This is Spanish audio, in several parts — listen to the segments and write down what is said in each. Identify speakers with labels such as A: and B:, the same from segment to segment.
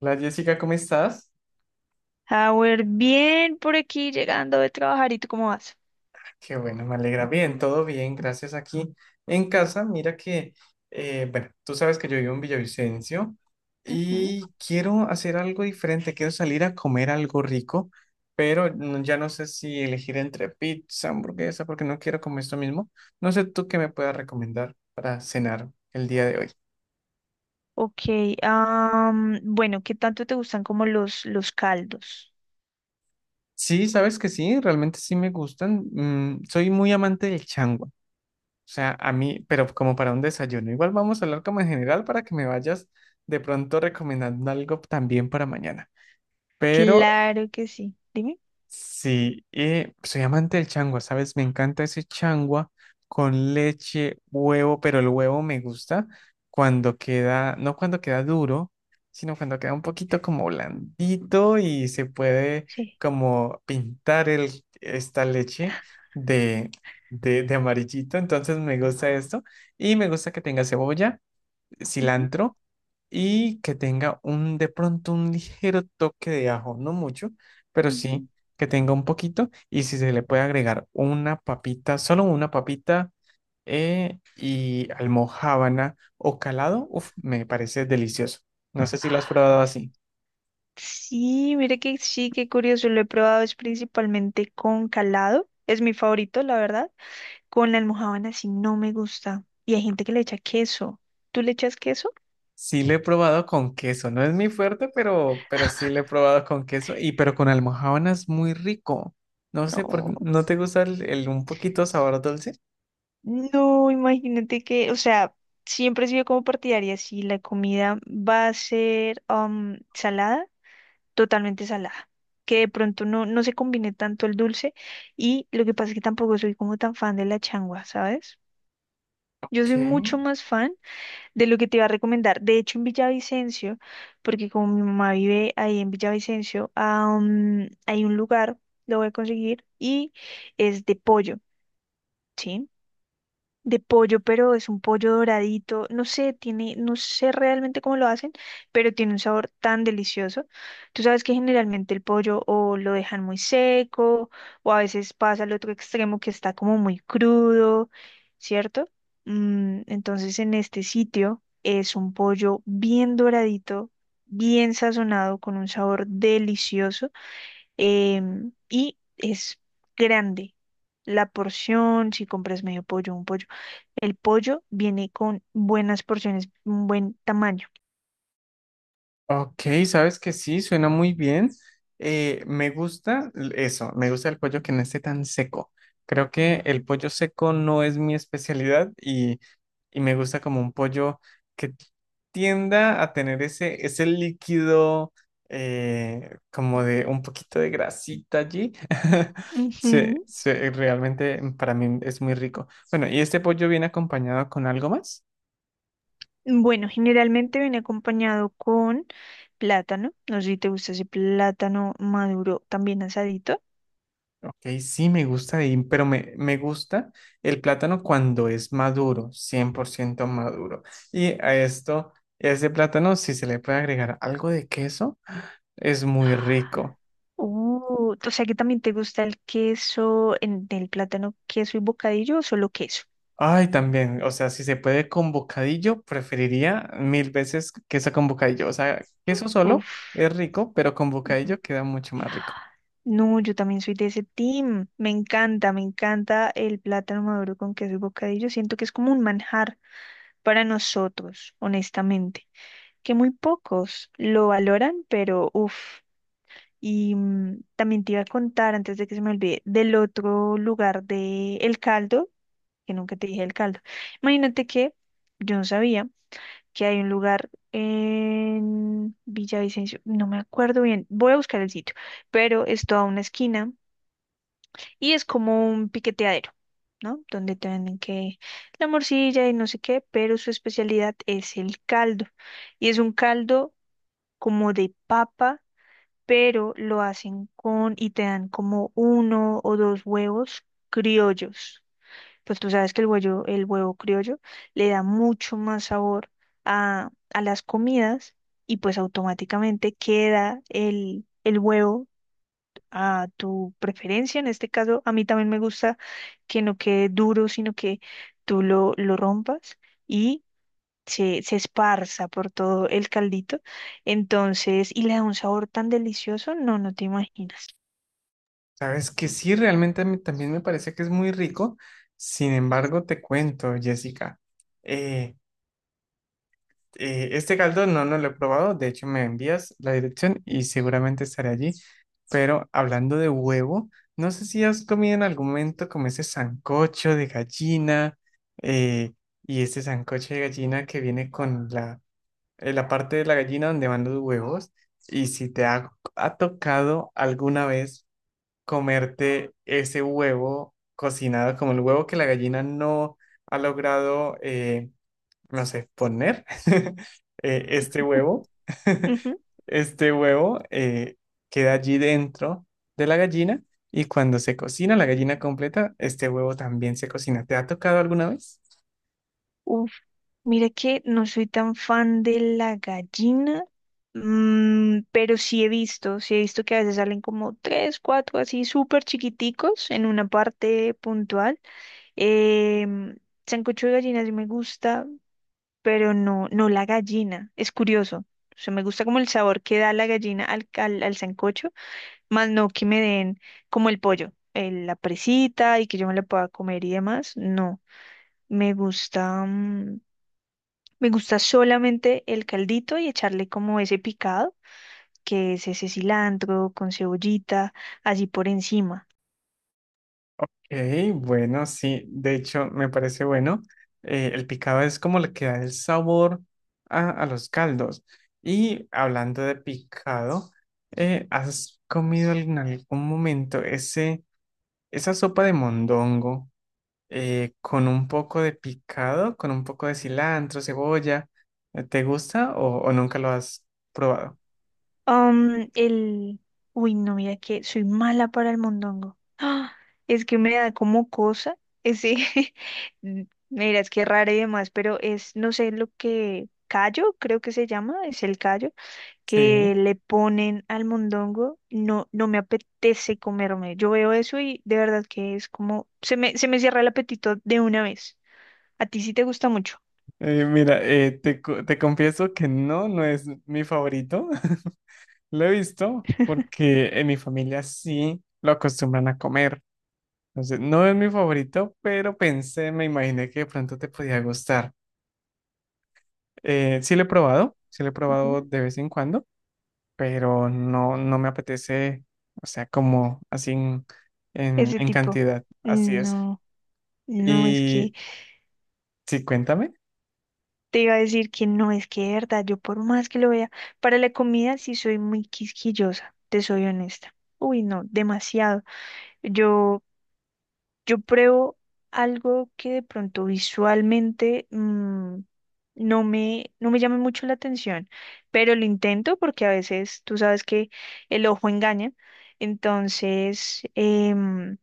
A: Hola Jessica, ¿cómo estás?
B: Howard, bien por aquí llegando de trabajar. ¿Y tú cómo vas?
A: Qué bueno, me alegra. Bien, todo bien, gracias aquí en casa. Mira que, bueno, tú sabes que yo vivo en Villavicencio
B: Ujú.
A: y quiero hacer algo diferente, quiero salir a comer algo rico, pero ya no sé si elegir entre pizza, hamburguesa, porque no quiero comer esto mismo. No sé tú qué me puedas recomendar para cenar el día de hoy.
B: Ok, bueno, ¿qué tanto te gustan como los caldos?
A: Sí, sabes que sí, realmente sí me gustan. Mm, soy muy amante del changua. Sea, a mí, pero como para un desayuno. Igual vamos a hablar como en general para que me vayas de pronto recomendando algo también para mañana. Pero
B: Claro que sí. Dime.
A: sí, y soy amante del changua, ¿sabes? Me encanta ese changua con leche, huevo, pero el huevo me gusta cuando queda, no cuando queda duro, sino cuando queda un poquito como blandito y se puede
B: Sí.
A: como pintar el, esta leche de, de amarillito. Entonces me gusta esto y me gusta que tenga cebolla,
B: Ujú,
A: cilantro y que tenga un de pronto un ligero toque de ajo, no mucho, pero
B: ujú.
A: sí que tenga un poquito y si se le puede agregar una papita, solo una papita, y almojábana o calado, uf, me parece delicioso. No sé si lo has probado así.
B: Sí, mire que sí, qué curioso. Lo he probado es principalmente con calado. Es mi favorito, la verdad. Con la almojábana sí no me gusta. Y hay gente que le echa queso. ¿Tú le echas queso?
A: Sí lo he probado con queso, no es mi fuerte, pero, sí lo he probado con queso y pero con almojábana es muy rico. No sé por,
B: No.
A: ¿no te gusta el un poquito sabor dulce?
B: No, imagínate que, o sea, siempre he sido como partidaria, si la comida va a ser salada, totalmente salada, que de pronto no, no se combine tanto el dulce. Y lo que pasa es que tampoco soy como tan fan de la changua, ¿sabes? Yo soy
A: ¿Qué?
B: mucho más fan de lo que te iba a recomendar. De hecho, en Villavicencio, porque como mi mamá vive ahí en Villavicencio, hay un lugar, lo voy a conseguir, y es de pollo. ¿Sí? De pollo, pero es un pollo doradito, no sé, tiene, no sé realmente cómo lo hacen, pero tiene un sabor tan delicioso. Tú sabes que generalmente el pollo o lo dejan muy seco, o a veces pasa al otro extremo que está como muy crudo, ¿cierto? Entonces en este sitio es un pollo bien doradito, bien sazonado, con un sabor delicioso y es grande. La porción, si compras medio pollo, un pollo. El pollo viene con buenas porciones, un buen tamaño.
A: Ok, sabes que sí, suena muy bien. Me gusta eso, me gusta el pollo que no esté tan seco. Creo que el pollo seco no es mi especialidad y, me gusta como un pollo que tienda a tener ese, ese líquido, como de un poquito de grasita allí.
B: Ujú.
A: Realmente para mí es muy rico. Bueno, ¿y este pollo viene acompañado con algo más?
B: Bueno, generalmente viene acompañado con plátano. No sé si te gusta ese plátano maduro, también asadito.
A: Ok, sí, me gusta, pero me, gusta el plátano cuando es maduro, 100% maduro. Y a esto, ese plátano, si se le puede agregar algo de queso, es muy rico.
B: O sea que también te gusta el queso, en el plátano, queso y bocadillo o solo queso.
A: Ay, también, o sea, si se puede con bocadillo, preferiría mil veces queso con bocadillo. O sea, queso solo
B: Uf.
A: es rico, pero con bocadillo queda mucho más rico.
B: No, yo también soy de ese team. Me encanta el plátano maduro con queso y bocadillo. Siento que es como un manjar para nosotros, honestamente. Que muy pocos lo valoran, pero uff. Y también te iba a contar, antes de que se me olvide, del otro lugar de El Caldo, que nunca te dije El Caldo. Imagínate que yo no sabía que hay un lugar en Villavicencio, no me acuerdo bien, voy a buscar el sitio, pero es toda una esquina y es como un piqueteadero, ¿no? Donde te venden que la morcilla y no sé qué, pero su especialidad es el caldo. Y es un caldo como de papa, pero lo hacen con y te dan como uno o dos huevos criollos. Pues tú sabes que el huevo criollo le da mucho más sabor a las comidas, y pues automáticamente queda el huevo a tu preferencia. En este caso, a mí también me gusta que no quede duro, sino que tú lo rompas y se esparza por todo el caldito. Entonces, y le da un sabor tan delicioso, no, no te imaginas.
A: Sabes que sí, realmente a mí también me parece que es muy rico. Sin embargo, te cuento, Jessica. eh, este caldo no, lo he probado, de hecho me envías la dirección y seguramente estaré allí. Pero hablando de huevo, no sé si has comido en algún momento como ese sancocho de gallina, eh, y ese sancocho de gallina que viene con la, la parte de la gallina donde van los huevos y si te ha, tocado alguna vez comerte ese huevo cocinado como el huevo que la gallina no ha logrado no sé, poner. Este huevo,
B: Ujú.
A: este huevo queda allí dentro de la gallina y cuando se cocina la gallina completa, este huevo también se cocina. ¿Te ha tocado alguna vez?
B: Uf, mira que no soy tan fan de la gallina. Pero sí he visto que a veces salen como tres, cuatro así súper chiquiticos en una parte puntual. Em, Sancocho de gallina sí me gusta, pero no, no la gallina. Es curioso. O sea, me gusta como el sabor que da la gallina al sancocho, más no que me den como el pollo, la presita y que yo me la pueda comer y demás. No, me gusta, me gusta solamente el caldito y echarle como ese picado, que es ese cilantro con cebollita, así por encima.
A: Ok, bueno, sí, de hecho me parece bueno. El picado es como le queda el sabor a, los caldos. Y hablando de picado, ¿has comido en algún momento ese, esa sopa de mondongo, con un poco de picado, con un poco de cilantro, cebolla? ¿Te gusta o, nunca lo has probado?
B: Um, el... Uy, no, mira que soy mala para el mondongo. ¡Ah! Es que me da como cosa ese... Mira, es que es raro y demás, pero es, no sé, lo que callo, creo que se llama, es el callo, que
A: Sí.
B: le ponen al mondongo. No, no me apetece comerme. Yo veo eso y de verdad que es como... Se me cierra el apetito de una vez. A ti sí te gusta mucho.
A: Mira, te confieso que no, es mi favorito. Lo he visto porque en mi familia sí lo acostumbran a comer. Entonces, no es mi favorito, pero pensé, me imaginé que de pronto te podía gustar. Sí lo he probado, sí lo he
B: Ujú.
A: probado de vez en cuando, pero no, me apetece, o sea, como así en,
B: Ese
A: en
B: tipo.
A: cantidad, así es.
B: No, no, es que...
A: Y sí, cuéntame.
B: Te iba a decir que no, es que de verdad, yo por más que lo vea, para la comida sí soy muy quisquillosa, te soy honesta. Uy, no, demasiado. Yo, yo pruebo algo que de pronto visualmente mm, no me llama mucho la atención, pero lo intento porque a veces tú sabes que el ojo engaña. Entonces,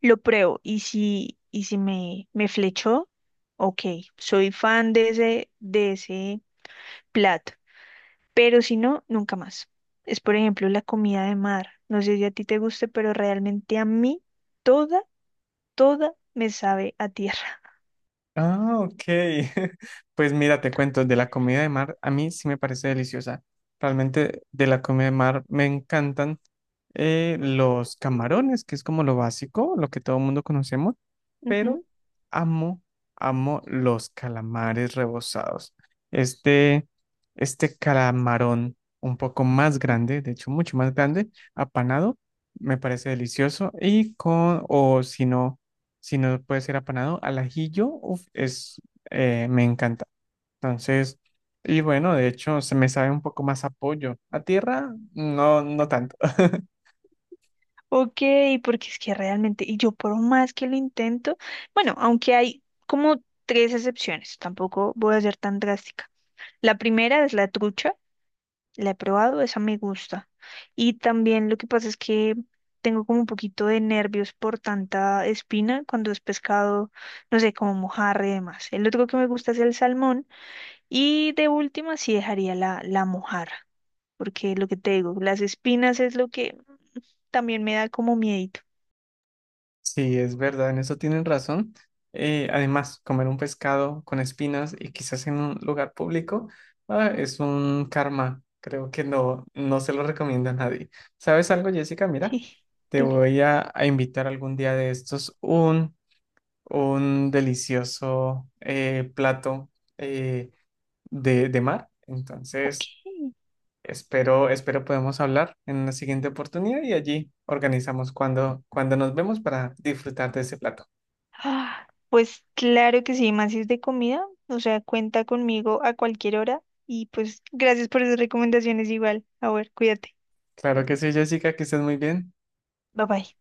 B: lo pruebo y si me flechó, ok, soy fan de ese plato, pero si no, nunca más. Es, por ejemplo, la comida de mar. No sé si a ti te guste, pero realmente a mí toda, toda me sabe a tierra.
A: Ah, ok. Pues mira, te cuento, de la comida de mar, a mí sí me parece deliciosa. Realmente de la comida de mar me encantan, los camarones, que es como lo básico, lo que todo el mundo conocemos. Pero
B: Ujú,
A: amo, amo los calamares rebozados. Este, calamarón un poco más
B: ujú.
A: grande, de hecho mucho más grande, apanado, me parece delicioso y con, o si no, si no puede ser apanado, al ajillo, uf, es, me encanta. Entonces, y bueno, de hecho se me sabe un poco más a pollo. A tierra, no, no tanto.
B: Ok, porque es que realmente, y yo por más que lo intento, bueno, aunque hay como tres excepciones, tampoco voy a ser tan drástica. La primera es la trucha. La he probado, esa me gusta. Y también lo que pasa es que tengo como un poquito de nervios por tanta espina cuando es pescado, no sé, como mojarra y demás. El otro que me gusta es el salmón y de última sí dejaría la mojarra, porque lo que te digo, las espinas es lo que también me da como miedito.
A: Sí, es verdad, en eso tienen razón. Además, comer un pescado con espinas y quizás en un lugar público, ah, es un karma. Creo que no, se lo recomiendo a nadie. ¿Sabes algo, Jessica? Mira,
B: Sí,
A: te
B: dime.
A: voy a, invitar algún día de estos un, delicioso plato eh, de, mar.
B: Ok.
A: Entonces, espero, podemos hablar en una siguiente oportunidad y allí organizamos cuando, nos vemos para disfrutar de ese plato.
B: Ah, pues claro que sí, más si es de comida, o sea, cuenta conmigo a cualquier hora y pues gracias por esas recomendaciones igual. A ver, cuídate.
A: Claro que sí, Jessica, que estés muy bien.
B: Bye bye.